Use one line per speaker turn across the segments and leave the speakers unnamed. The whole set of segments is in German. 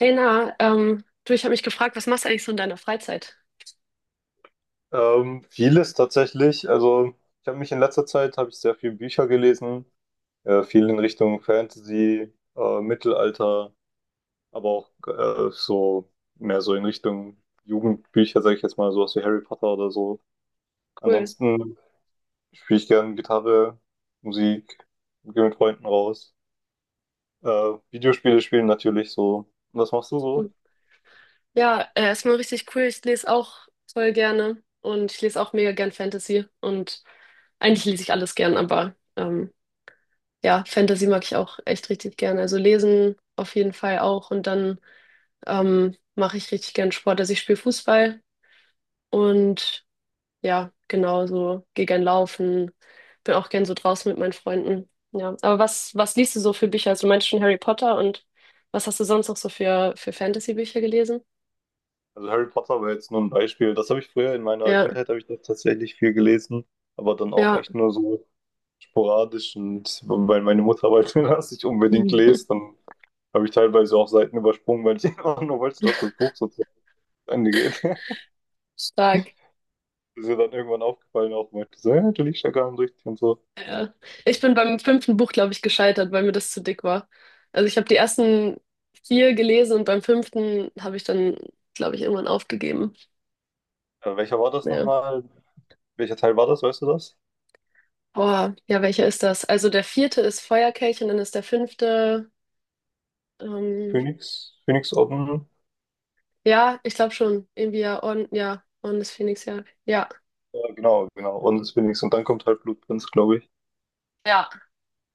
Lena, du, ich habe mich gefragt, was machst du eigentlich so in deiner Freizeit?
Vieles tatsächlich. Also ich habe mich in letzter Zeit habe ich sehr viel Bücher gelesen, viel in Richtung Fantasy, Mittelalter, aber auch so mehr so in Richtung Jugendbücher, sage ich jetzt mal, sowas wie Harry Potter oder so.
Cool.
Ansonsten spiele ich gerne Gitarre, Musik, gehe mit Freunden raus. Äh, Videospiele spielen natürlich so. Was machst du
Hm.
so?
Ja, erstmal richtig cool. Ich lese auch voll gerne und ich lese auch mega gern Fantasy und eigentlich lese ich alles gern, aber ja, Fantasy mag ich auch echt richtig gern. Also lesen auf jeden Fall auch und dann mache ich richtig gern Sport. Also ich spiele Fußball und ja, genau so. Geh gern laufen. Bin auch gern so draußen mit meinen Freunden. Ja, aber was liest du so für Bücher? Also, du meinst schon Harry Potter und was hast du sonst noch so für Fantasy-Bücher gelesen?
Also Harry Potter war jetzt nur ein Beispiel. Das habe ich Früher in meiner
Ja,
Kindheit habe ich das tatsächlich viel gelesen, aber dann auch
ja.
echt nur so sporadisch, und weil meine Mutter wollte, dass ich unbedingt
Mhm.
lese, dann habe ich teilweise auch Seiten übersprungen, weil ich einfach nur wollte, dass das Buch so zu Ende geht.
Stark.
Ist ihr dann irgendwann aufgefallen, auch meinte so, ja, du liest ja gar nicht richtig und so.
Ja. Ich bin beim fünften Buch, glaube ich, gescheitert, weil mir das zu dick war. Also ich habe die ersten vier gelesen und beim fünften habe ich dann, glaube ich, irgendwann aufgegeben.
Welcher war das
Ja.
nochmal? Welcher Teil war das, weißt du das?
Boah, ja, welcher ist das? Also der vierte ist Feuerkelch und dann ist der fünfte. Ähm,
Phoenix? Phoenix Orden?
Ja, ich glaube schon. Irgendwie ja, Orden des Phönix, ja. Ja,
Ja, genau, genau. Orden des Phoenix, und dann kommt halt Blutprinz, glaube ich.
ja,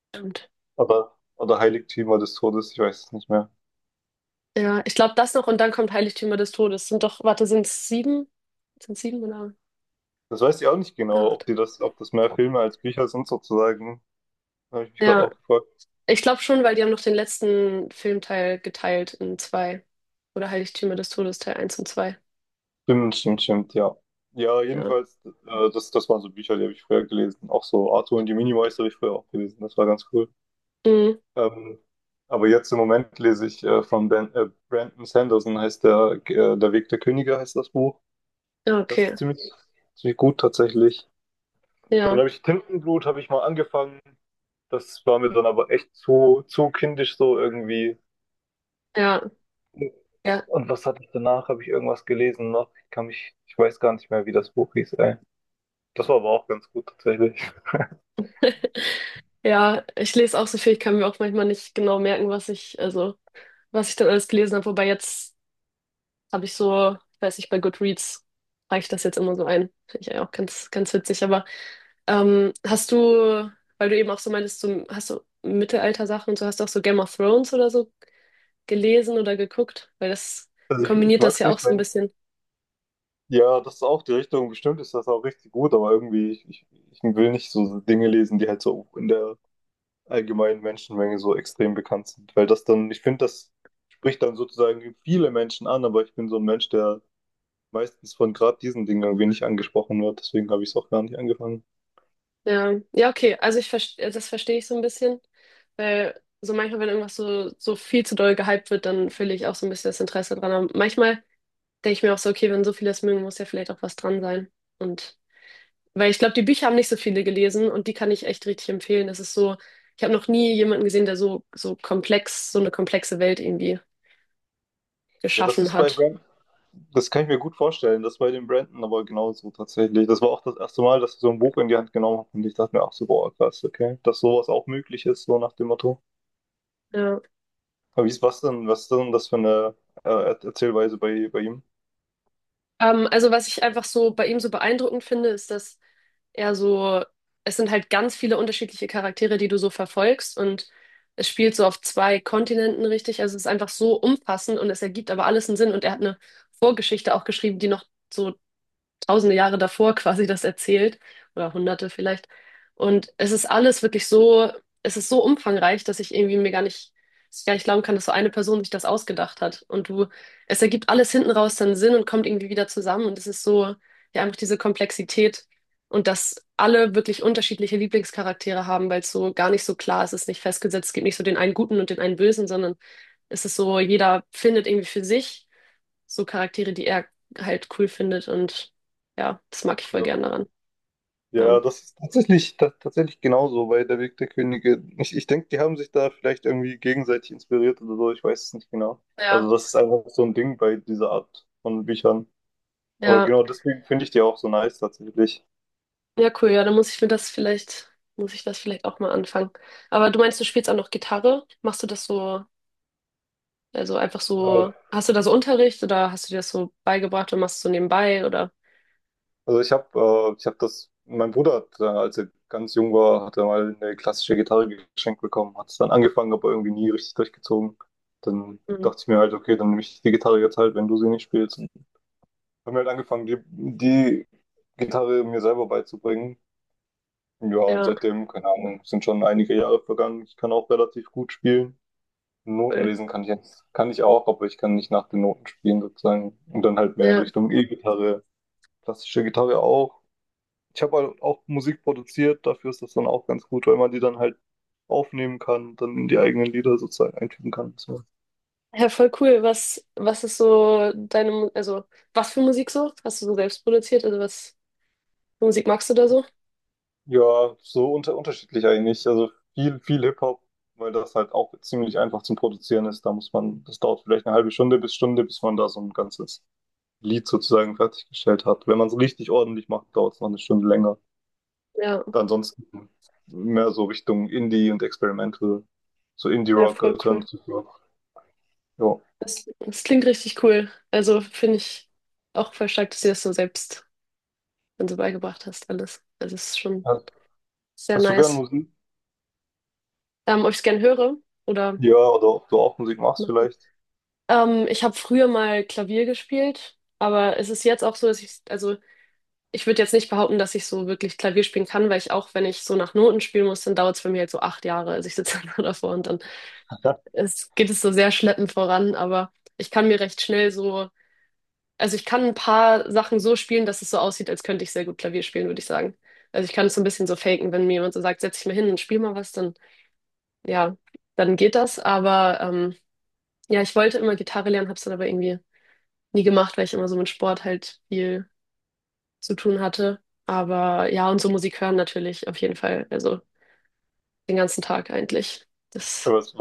stimmt.
Aber, oder Heiligtümer des Todes, ich weiß es nicht mehr.
Ja, ich glaube das noch und dann kommt Heiligtümer des Todes. Sind doch, warte, sind es sieben? Sind sieben oder
Das weiß ich auch nicht genau,
acht?
ob das mehr Filme als Bücher sind sozusagen. Da habe ich mich gerade
Ja,
auch gefragt.
ich glaube schon, weil die haben noch den letzten Filmteil geteilt in zwei. Oder Heiligtümer des Todes, Teil eins und 2.
Stimmt, stimmt, stimmt, ja. Ja,
Ja.
jedenfalls, das waren so Bücher, die habe ich früher gelesen. Auch so Arthur und die Minimeister habe ich früher auch gelesen. Das war ganz cool.
Mhm.
Ähm, aber jetzt im Moment lese ich von Brandon Sanderson, heißt der, Der Weg der Könige heißt das Buch.
Ja,
Das
okay.
ist ziemlich, ziemlich gut tatsächlich. Dann
Ja,
habe ich Tintenblut, habe ich mal angefangen. Das war mir dann aber echt zu kindisch so irgendwie.
ja, ja.
Und was hatte ich danach? Habe ich irgendwas gelesen noch? Ich weiß gar nicht mehr, wie das Buch hieß, ey. Das war aber auch ganz gut tatsächlich.
Ja, ich lese auch so viel, ich kann mir auch manchmal nicht genau merken, was ich, also, was ich dann alles gelesen habe. Wobei jetzt habe ich so, ich weiß nicht, bei Goodreads reiche ich das jetzt immer so ein. Finde ich ja auch ganz, ganz witzig. Aber hast du, weil du eben auch so meintest, so, hast du Mittelalter-Sachen und so, hast du auch so Game of Thrones oder so gelesen oder geguckt? Weil das
Also ich
kombiniert
mag
das
es
ja auch
nicht,
so ein
wenn.
bisschen.
Ja, das ist auch die Richtung, bestimmt ist das auch richtig gut, aber irgendwie, ich will nicht so Dinge lesen, die halt so in der allgemeinen Menschenmenge so extrem bekannt sind. Weil das dann, ich finde, das spricht dann sozusagen viele Menschen an, aber ich bin so ein Mensch, der meistens von gerade diesen Dingen irgendwie nicht angesprochen wird, deswegen habe ich es auch gar nicht angefangen.
Ja, ja, okay. Also ich verstehe, das verstehe ich so ein bisschen. Weil so manchmal, wenn irgendwas so, so viel zu doll gehypt wird, dann verliere ich auch so ein bisschen das Interesse dran. Aber manchmal denke ich mir auch so, okay, wenn so viele das mögen, muss ja vielleicht auch was dran sein. Und weil ich glaube, die Bücher haben nicht so viele gelesen und die kann ich echt richtig empfehlen. Das ist so, ich habe noch nie jemanden gesehen, der so, so komplex, so eine komplexe Welt irgendwie
Ja, das
geschaffen
ist bei
hat.
Brand, das kann ich mir gut vorstellen, das bei den Brandon aber genauso tatsächlich. Das war auch das erste Mal, dass ich so ein Buch in die Hand genommen habe und ich dachte mir, ach so, boah, krass, okay, dass sowas auch möglich ist, so nach dem Motto.
Ja.
Aber wie ist was denn, was ist denn das für eine Erzählweise bei, ihm?
Also was ich einfach so bei ihm so beeindruckend finde, ist, dass er so, es sind halt ganz viele unterschiedliche Charaktere, die du so verfolgst und es spielt so auf zwei Kontinenten richtig. Also es ist einfach so umfassend und es ergibt aber alles einen Sinn und er hat eine Vorgeschichte auch geschrieben, die noch so tausende Jahre davor quasi das erzählt oder hunderte vielleicht. Und es ist alles wirklich so, es ist so umfangreich, dass ich irgendwie mir gar nicht, dass ich gar nicht glauben kann, dass so eine Person sich das ausgedacht hat. Und du, es ergibt alles hinten raus dann Sinn und kommt irgendwie wieder zusammen. Und es ist so, ja, einfach diese Komplexität und dass alle wirklich unterschiedliche Lieblingscharaktere haben, weil es so gar nicht so klar ist, es ist nicht festgesetzt, es gibt nicht so den einen Guten und den einen Bösen, sondern es ist so, jeder findet irgendwie für sich so Charaktere, die er halt cool findet und ja, das mag ich voll
Ja.
gern daran. Ja.
Ja, das ist tatsächlich genauso bei Der Weg der Könige. Ich denke, die haben sich da vielleicht irgendwie gegenseitig inspiriert oder so, ich weiß es nicht genau. Also
Ja,
das ist einfach so ein Ding bei dieser Art von Büchern. Aber
ja,
genau deswegen finde ich die auch so nice tatsächlich.
ja, cool, ja, dann muss ich mir das vielleicht, muss ich das vielleicht auch mal anfangen. Aber du meinst, du spielst auch noch Gitarre? Machst du das so, also einfach
Äh,
so, hast du da so Unterricht oder hast du dir das so beigebracht und machst es so nebenbei oder?
Also ich habe ich hab das, mein Bruder hat, als er ganz jung war, hat er mal eine klassische Gitarre geschenkt bekommen, hat es dann angefangen, aber irgendwie nie richtig durchgezogen. Dann
Mhm.
dachte ich mir halt, okay, dann nehme ich die Gitarre jetzt halt, wenn du sie nicht spielst. Und haben wir halt angefangen, die Gitarre mir selber beizubringen. Ja, und
Ja,
seitdem, keine Ahnung, sind schon einige Jahre vergangen. Ich kann auch relativ gut spielen. Noten
cool.
lesen kann ich jetzt, kann ich auch, aber ich kann nicht nach den Noten spielen sozusagen. Und dann halt mehr in
Ja.
Richtung E-Gitarre, klassische Gitarre auch. Ich habe halt auch Musik produziert, dafür ist das dann auch ganz gut, weil man die dann halt aufnehmen kann und dann in die eigenen Lieder sozusagen einfügen kann. So.
Ja, voll cool. Was, was ist so deine, Mu- also was für Musik so? Hast du so selbst produziert? Also was für Musik magst du da so?
Ja, so unterschiedlich eigentlich. Also viel, viel Hip-Hop, weil das halt auch ziemlich einfach zum Produzieren ist. Das dauert vielleicht eine halbe Stunde, bis man da so ein ganzes Lied sozusagen fertiggestellt hat. Wenn man es richtig ordentlich macht, dauert es noch eine Stunde länger.
Ja,
Ansonsten mehr so Richtung Indie und Experimental, so
ja,
Indie-Rock,
voll cool.
Alternative Rock. Ja.
Das, das klingt richtig cool. Also finde ich auch voll stark, dass du das so selbst dann so beigebracht hast, alles. Also es ist schon sehr
Hast du gern
nice.
Musik?
Ob ich es gern höre oder
Ja, oder ob du auch Musik machst
machen.
vielleicht.
Ich habe früher mal Klavier gespielt, aber es ist jetzt auch so, dass ich, also ich würde jetzt nicht behaupten, dass ich so wirklich Klavier spielen kann, weil ich auch, wenn ich so nach Noten spielen muss, dann dauert es bei mir halt so acht Jahre. Also ich sitze dann nur davor und dann es, geht es so sehr schleppend voran, aber ich kann mir recht schnell so. Also ich kann ein paar Sachen so spielen, dass es so aussieht, als könnte ich sehr gut Klavier spielen, würde ich sagen. Also ich kann es so ein bisschen so faken, wenn mir jemand so sagt, setz dich mal hin und spiel mal was, dann ja, dann geht das. Aber ja, ich wollte immer Gitarre lernen, habe es dann aber irgendwie nie gemacht, weil ich immer so mit Sport halt viel zu tun hatte. Aber ja, und so Musik hören natürlich auf jeden Fall, also den ganzen Tag eigentlich. Das
Aber es-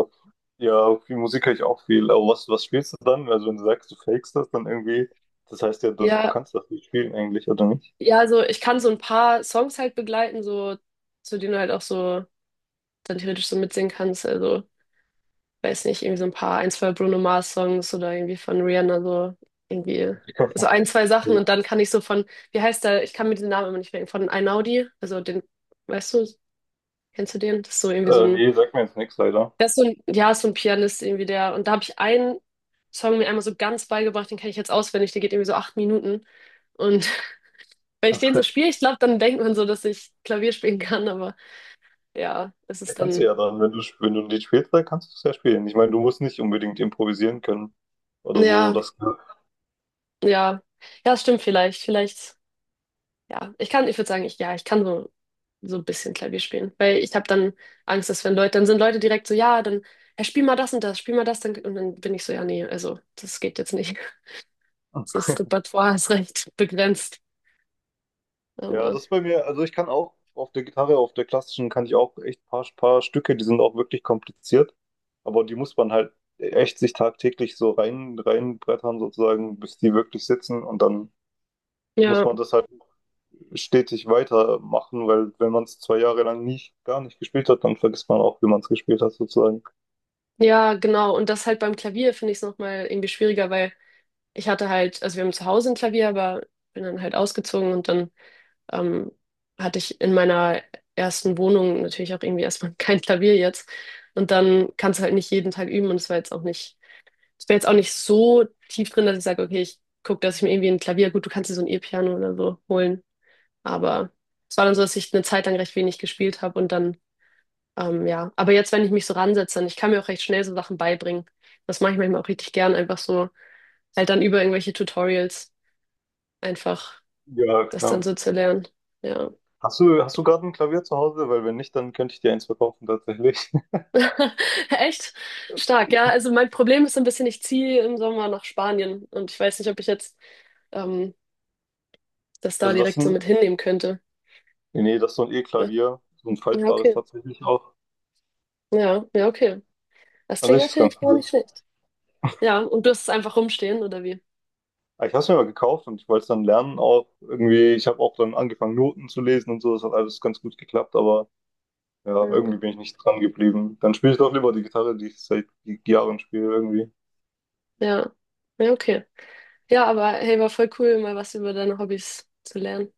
Ja, viel Musik höre ich auch viel. Aber was spielst du dann? Also wenn du sagst, du fakest das dann irgendwie, das heißt ja, dass du
ja,
kannst das nicht spielen eigentlich, oder nicht?
ja, also ich kann so ein paar Songs halt begleiten, so zu denen du halt auch so dann theoretisch so mitsingen kannst. Also weiß nicht, irgendwie so ein paar, ein, zwei Bruno Mars Songs oder irgendwie von Rihanna so irgendwie
Ich kann-
so ein, zwei Sachen und dann kann ich so von, wie heißt der, ich kann mir den Namen immer nicht merken, von Einaudi, also den, weißt du, kennst du den? Das ist so irgendwie so ein,
Nee, sag mir jetzt nichts leider.
der ist so ein, ja, ist so ein Pianist irgendwie der und da habe ich einen Song mir einmal so ganz beigebracht, den kenne ich jetzt auswendig, der geht irgendwie so acht Minuten und wenn ich den so spiele, ich glaube, dann denkt man so, dass ich Klavier spielen kann, aber ja, es
Ja,
ist
kannst du
dann,
ja dann, wenn du, ein Lied spielst, dann kannst du es ja spielen. Ich meine, du musst nicht unbedingt improvisieren können oder so.
ja,
Das,
ja, ja, stimmt vielleicht, vielleicht. Ja, ich kann, ich würde sagen, ich, ja, ich kann so, so ein bisschen Klavier spielen, weil ich habe dann Angst, dass wenn Leute, dann sind Leute direkt so, ja, dann, ja, spiel mal das und das, spiel mal das, dann, und dann bin ich so, ja, nee, also, das geht jetzt nicht. Das Repertoire ist recht begrenzt,
ja,
aber,
das ist bei mir, also ich kann auch auf der Gitarre, auf der klassischen, kann ich auch echt paar Stücke, die sind auch wirklich kompliziert, aber die muss man halt echt sich tagtäglich so reinbrettern sozusagen, bis die wirklich sitzen, und dann muss
ja,
man das halt stetig weitermachen, weil wenn man es zwei Jahre lang nicht, gar nicht gespielt hat, dann vergisst man auch, wie man es gespielt hat sozusagen.
ja, genau, und das halt beim Klavier finde ich es nochmal irgendwie schwieriger, weil ich hatte halt, also wir haben zu Hause ein Klavier, aber bin dann halt ausgezogen und dann ähm, hatte ich in meiner ersten Wohnung natürlich auch irgendwie erstmal kein Klavier jetzt. Und dann kannst du halt nicht jeden Tag üben und es war jetzt auch nicht so tief drin, dass ich sage, okay, ich gucke, dass ich mir irgendwie ein Klavier, gut, du kannst dir so ein E-Piano oder so holen. Aber es war dann so, dass ich eine Zeit lang recht wenig gespielt habe und dann, ja. Aber jetzt, wenn ich mich so ransetze, dann, ich kann mir auch recht schnell so Sachen beibringen. Das mache ich manchmal auch richtig gern, einfach so, halt dann über irgendwelche Tutorials einfach
Ja,
das dann
klar.
so zu lernen. Ja.
Hast du gerade ein Klavier zu Hause? Weil wenn nicht, dann könnte ich dir eins verkaufen tatsächlich.
Echt stark, ja. Also mein Problem ist so ein bisschen, ich ziehe im Sommer nach Spanien und ich weiß nicht, ob ich jetzt ähm, das da
Also das
direkt so
sind,
mit hinnehmen könnte.
nee, das ist so ein
Äh,
E-Klavier, so ein
Ja,
faltbares
okay.
tatsächlich auch.
Ja, ja, okay. Das
An
klingt
sich ist ganz
natürlich gar
cool.
nicht schlecht. Ja, und du hast es einfach rumstehen, oder wie?
Aber ich habe es mir mal gekauft und ich wollte es dann lernen auch irgendwie. Ich habe auch dann angefangen, Noten zu lesen und so. Das hat alles ganz gut geklappt, aber ja, irgendwie
Ja,
bin ich nicht dran geblieben. Dann spiele ich doch lieber die Gitarre, die ich seit Jahren spiele irgendwie.
ja. Ja, okay. Ja, aber hey, war voll cool, mal was über deine Hobbys zu lernen.